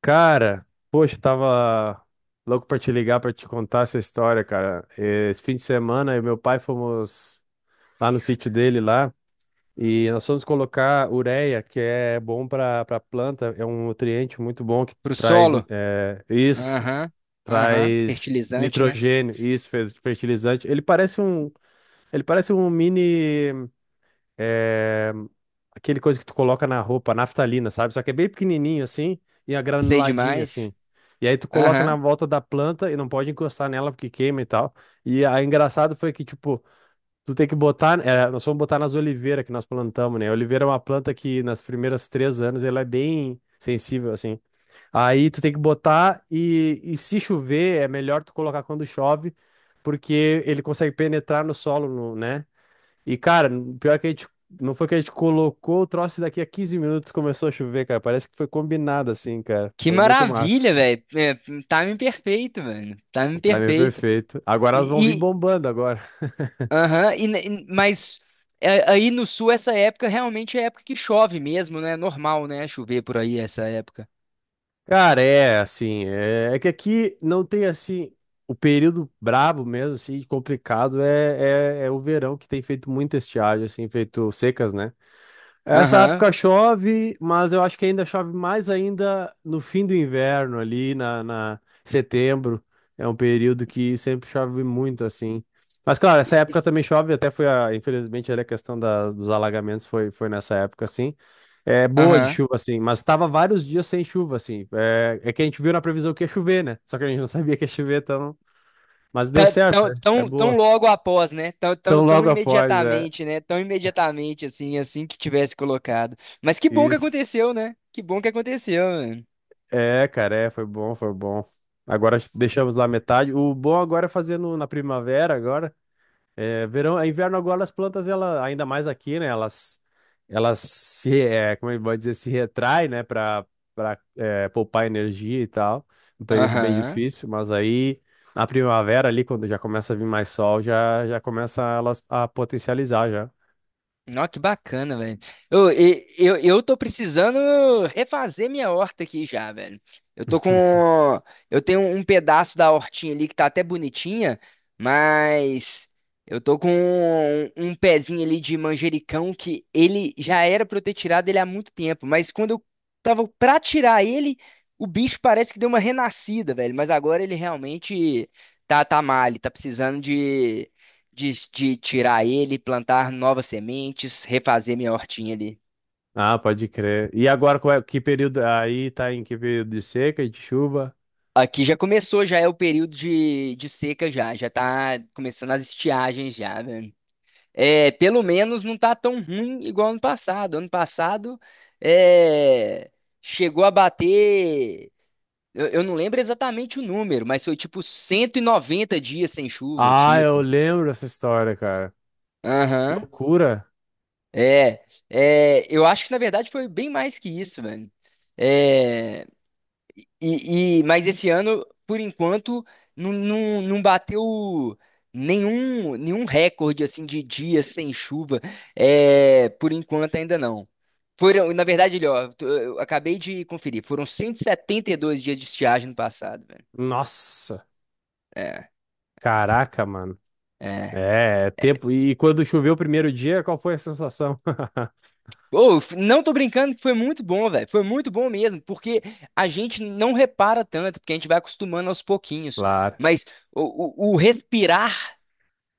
Cara, poxa, tava louco pra te ligar pra te contar essa história, cara. Esse fim de semana, eu e meu pai fomos lá no sítio dele lá e nós fomos colocar ureia, que é bom pra para planta, é um nutriente muito bom que Pro traz solo? Isso, Aham, aham. traz Fertilizante, né? nitrogênio, isso, fez fertilizante. Ele parece um mini é, aquele coisa que tu coloca na roupa, naftalina, sabe? Só que é bem pequenininho assim e é Sei granuladinho demais. assim. E aí tu coloca na Aham. volta da planta e não pode encostar nela porque queima e tal. E aí engraçado foi que, tipo, tu tem que botar. Nós fomos botar nas oliveiras que nós plantamos, né? A oliveira é uma planta que nas primeiras 3 anos ela é bem sensível, assim. Aí tu tem que botar e se chover, é melhor tu colocar quando chove, porque ele consegue penetrar no solo, né? E, cara, pior que a gente. Não foi que a gente colocou o troço e daqui a 15 minutos começou a chover, cara. Parece que foi combinado assim, cara. Que Foi muito massa. maravilha, velho. É, timing perfeito, velho. O Timing Time é perfeito. perfeito. Agora elas vão vir E, e, bombando agora. aham, e, e mas aí no sul essa época realmente é época que chove mesmo, né? É normal, né? Chover por aí essa época. Cara, é assim. É que aqui não tem assim. O período brabo mesmo, assim, complicado, é o verão que tem feito muita estiagem, assim, feito secas, né? Essa Aham. época chove, mas eu acho que ainda chove mais ainda no fim do inverno, ali na, na setembro. É um período que sempre chove muito, assim. Mas, claro, essa época Isso- também chove, até foi a, infelizmente, ali a questão das, dos alagamentos foi nessa época, assim. É boa de Aham. chuva, assim, mas estava vários dias sem chuva, assim. É que a gente viu na previsão que ia chover, né? Só que a gente não sabia que ia chover, então. Mas deu Tão, certo, tão, né? É tão, tão boa. logo após, né? Tão, Tão tão, tão logo após, é. imediatamente, né? Tão imediatamente, assim, assim que tivesse colocado. Mas que bom que Isso. aconteceu, né? Que bom que aconteceu, mano. É, cara, foi bom, foi bom. Agora deixamos lá metade. O bom agora é fazer na primavera agora. É, verão, é inverno agora as plantas ela ainda mais aqui, né? Elas se, é, como é que pode dizer, se retrai, né, para poupar energia e tal. Um período bem Aham. difícil, mas aí na primavera ali quando já começa a vir mais sol, já começa elas a potencializar já. Nossa, que bacana, velho. Eu tô precisando refazer minha horta aqui já, velho. Eu tô com. Eu tenho um pedaço da hortinha ali que tá até bonitinha, mas eu tô com um pezinho ali de manjericão que ele já era pra eu ter tirado ele há muito tempo, mas quando eu tava pra tirar ele, o bicho parece que deu uma renascida, velho. Mas agora ele realmente tá mal, ele tá precisando de tirar ele, plantar novas sementes, refazer minha hortinha ali. Ah, pode crer. E agora qual é, que período aí tá em que período de seca e de chuva? Aqui já começou, já é o período de seca já, já tá começando as estiagens já, velho. É, pelo menos não tá tão ruim igual ano passado. Ano passado é, chegou a bater, eu não lembro exatamente o número, mas foi tipo 190 dias sem chuva, Ah, eu tipo. lembro essa história, cara. Aham. Loucura. É, eu acho que na verdade foi bem mais que isso, velho. É, mas esse ano, por enquanto, não bateu nenhum recorde assim de dias sem chuva. É, por enquanto ainda não. Foram, na verdade, ele, ó, eu acabei de conferir, foram 172 dias de estiagem no passado, velho. Nossa. É, Caraca, mano. é. É tempo. E quando choveu o primeiro dia, qual foi a sensação? Ô, f- não tô brincando que foi muito bom, velho. Foi muito bom mesmo, porque a gente não repara tanto, porque a gente vai acostumando aos pouquinhos. Claro. Mas o respirar,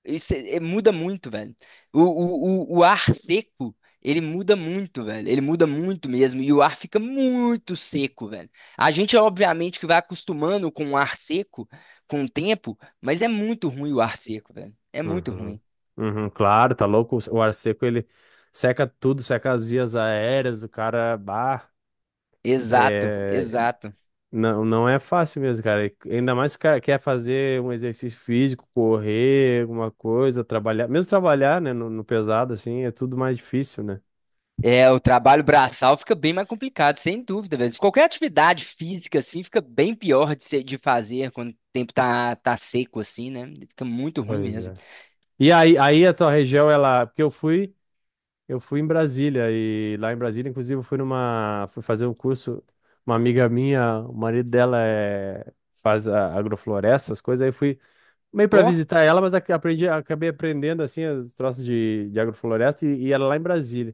isso muda muito, velho. O ar seco, ele muda muito, velho. Ele muda muito mesmo. E o ar fica muito seco, velho. A gente, obviamente, que vai acostumando com o ar seco com o tempo, mas é muito ruim o ar seco, velho. É muito Uhum. ruim. Uhum, claro, tá louco. O ar seco, ele seca tudo, seca as vias aéreas do cara. Bah, Exato, é, exato. não, não é fácil mesmo, cara. E ainda mais se o cara quer fazer um exercício físico, correr, alguma coisa, trabalhar. Mesmo trabalhar, né, no pesado, assim, é tudo mais difícil, né? É, o trabalho braçal fica bem mais complicado, sem dúvida, velho. Qualquer atividade física, assim, fica bem pior de fazer quando o tempo tá seco, assim, né? Fica muito ruim Pois mesmo. é. E aí a tua região, ela. Porque eu fui em Brasília, e lá em Brasília, inclusive, eu fui numa. Fui fazer um curso. Uma amiga minha, o marido dela faz agrofloresta, essas coisas. Aí eu fui meio para Ó. visitar ela, mas acabei aprendendo assim, os troços de agrofloresta, e ela lá em Brasília.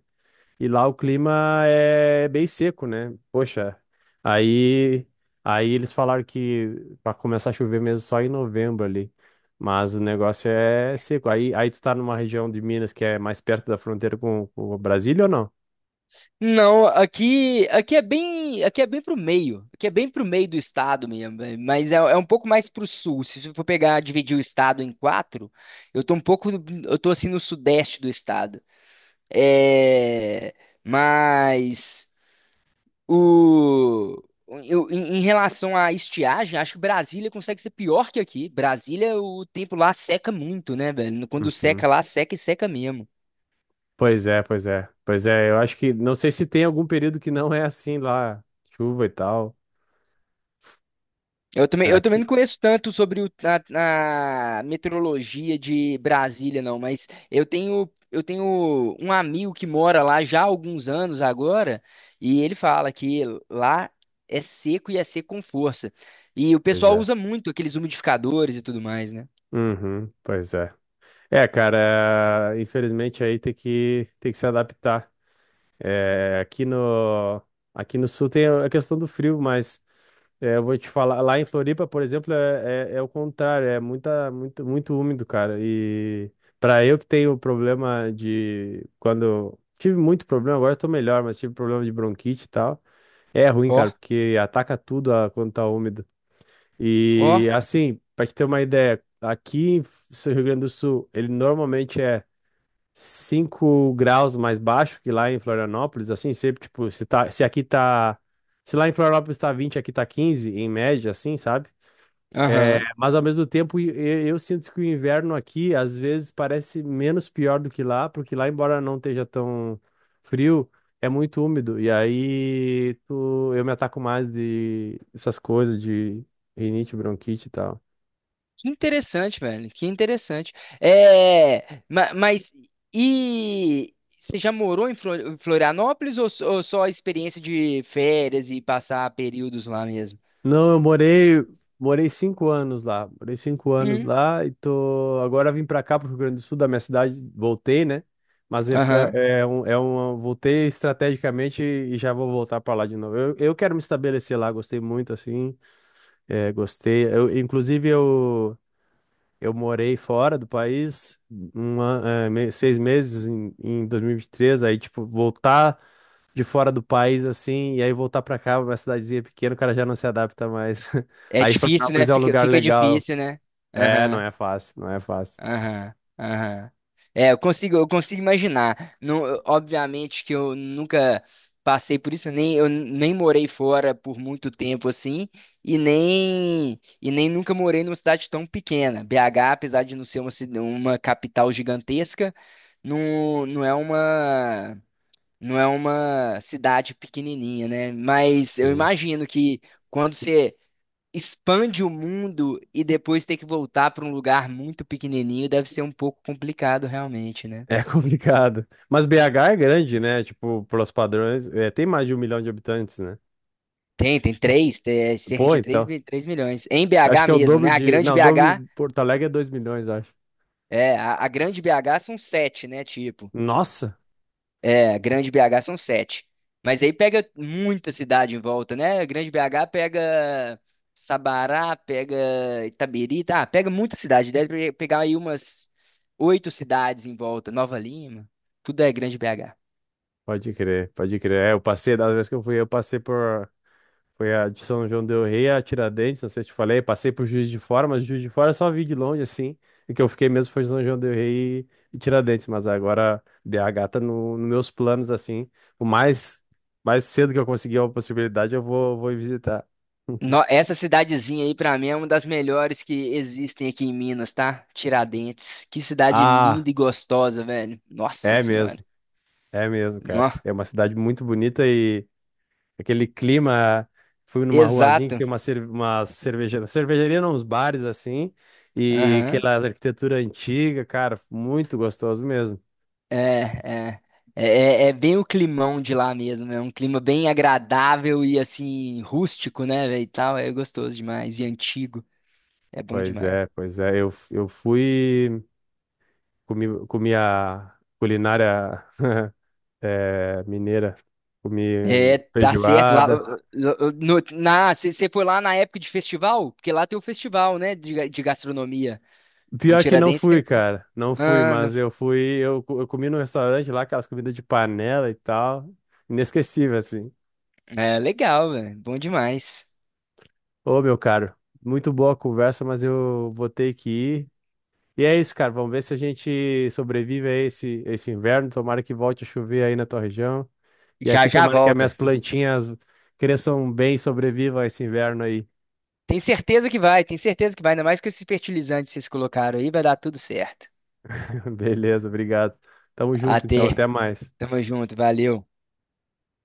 E lá o clima é bem seco, né? Poxa, aí, aí eles falaram que para começar a chover mesmo só em novembro ali. Mas o negócio é seco. Aí tu tá numa região de Minas que é mais perto da fronteira com o Brasília ou não? Não, aqui é bem, aqui é bem pro meio, aqui é bem pro meio do estado mesmo, mas é um pouco mais pro sul. Se você for pegar, dividir o estado em quatro, eu tô um pouco, eu tô assim no sudeste do estado. É, mas o, em relação à estiagem, acho que Brasília consegue ser pior que aqui. Brasília, o tempo lá seca muito, né, velho? Quando seca Uhum. lá, seca e seca mesmo. Pois é, pois é. Pois é, eu acho que não sei se tem algum período que não é assim lá, chuva e tal. Né? Eu também Aqui. não conheço tanto sobre o- a meteorologia de Brasília, não, mas eu tenho um amigo que mora lá já há alguns anos agora, e ele fala que lá é seco e é seco com força. E o Pois pessoal é. usa muito aqueles umidificadores e tudo mais, né? Uhum, pois é. É, cara, infelizmente aí tem que se adaptar. É, aqui no sul tem a questão do frio, mas eu vou te falar, lá em Floripa, por exemplo, é o contrário, é muita, muito, muito úmido, cara. E para eu que tenho problema de quando tive muito problema, agora eu tô melhor, mas tive problema de bronquite e tal. É ruim, Ó, cara, porque ataca tudo quando tá úmido. ó, E assim, para te ter uma ideia, aqui em Rio Grande do Sul, ele normalmente é 5 graus mais baixo que lá em Florianópolis, assim, sempre, tipo, se lá em Florianópolis tá 20 aqui tá 15 em média, assim, sabe? É, aham. mas ao mesmo tempo, eu, sinto que o inverno aqui, às vezes, parece menos pior do que lá, porque lá, embora não esteja tão frio, é muito úmido, e aí eu me ataco mais de essas coisas de rinite, bronquite e tal. Que interessante, velho. Que interessante. É, mas e você já morou em Flor- em Florianópolis ou só a experiência de férias e passar períodos lá mesmo? Não, eu morei 5 anos lá. Morei cinco anos Hum, lá e tô. Agora vim pra cá, pro Rio Grande do Sul, da minha cidade, voltei, né? Mas é, aham. Voltei estrategicamente e já vou voltar pra lá de novo. Eu quero me estabelecer lá, gostei muito, assim. Gostei. Eu, inclusive, eu morei fora do país 6 meses em 2023. Aí, tipo, voltar de fora do país, assim, e aí voltar pra cá, uma cidadezinha pequena, o cara já não se adapta mais. É Aí difícil, né? Florianópolis é um lugar Fica legal. difícil, né? É, não Aham. é fácil, não é fácil. Aham, aham. É, eu consigo imaginar. Não, eu- obviamente que eu nunca passei por isso, nem eu nem morei fora por muito tempo assim, e nem nunca morei numa cidade tão pequena. BH, apesar de não ser uma, cida- uma capital gigantesca, não, não é uma cidade pequenininha, né? Mas eu Sim. imagino que quando você expande o mundo e depois ter que voltar para um lugar muito pequenininho deve ser um pouco complicado realmente, né? É complicado. Mas BH é grande, né? Tipo, pelos padrões, tem mais de 1 milhão de habitantes, né? Tem cerca Pô, de então. 3 milhões. Em Acho BH que é o mesmo, né? dobro A de. grande Não, o dobro BH, de Porto Alegre é 2 milhões, eu acho. é, a grande BH são sete, né? Tipo, Nossa! é, a grande BH são sete. Mas aí pega muita cidade em volta, né? A grande BH pega Sabará, pega Itabiri, tá? Pega muita cidade. Deve pegar aí umas oito cidades em volta. Nova Lima, tudo é grande BH. Pode crer, pode crer. É, eu passei, da vez que eu fui, eu passei por. Foi a de São João del Rei, a Tiradentes, não sei se te falei. Passei por Juiz de Fora, mas Juiz de Fora eu só vi de longe, assim. O que eu fiquei mesmo foi São João del Rei e Tiradentes, mas agora BH tá no, nos meus planos, assim. O mais cedo que eu conseguir uma possibilidade, eu vou ir visitar. Essa cidadezinha aí, pra mim, é uma das melhores que existem aqui em Minas, tá? Tiradentes. Que cidade Ah, linda e gostosa, velho. Nossa é Senhora. mesmo, é mesmo, cara. Nó. É uma cidade muito bonita e aquele clima, fui numa ruazinha que Exato. tem uma cervejaria, cervejaria não, uns bares assim, e Aham. aquela arquitetura antiga, cara, muito gostoso mesmo. É, é. É, é bem o climão de lá mesmo. É um clima bem agradável e, assim, rústico, né, velho? E tal. É gostoso demais. E antigo. É bom demais. Pois é, eu fui, comi a culinária mineira, comi É, tá certo. Lá, feijoada. No, na, você foi lá na época de festival? Porque lá tem o festival, né, de gastronomia. Em Pior que não Tiradentes fui, tem. cara, não fui, Mano, mas eu fui, eu comi num restaurante lá, aquelas comidas de panela e tal, inesquecível, assim. é legal, velho. Bom demais. Ô, meu caro, muito boa a conversa, mas eu vou ter que ir. E é isso, cara. Vamos ver se a gente sobrevive a esse inverno. Tomara que volte a chover aí na tua região. E Já aqui, já tomara que as volta. minhas plantinhas cresçam bem e sobrevivam a esse inverno aí. Tem certeza que vai, tem certeza que vai. Ainda mais com esses fertilizantes que vocês colocaram aí, vai dar tudo certo. Beleza, obrigado. Tamo junto, então. Até. Até mais. Tamo junto, valeu.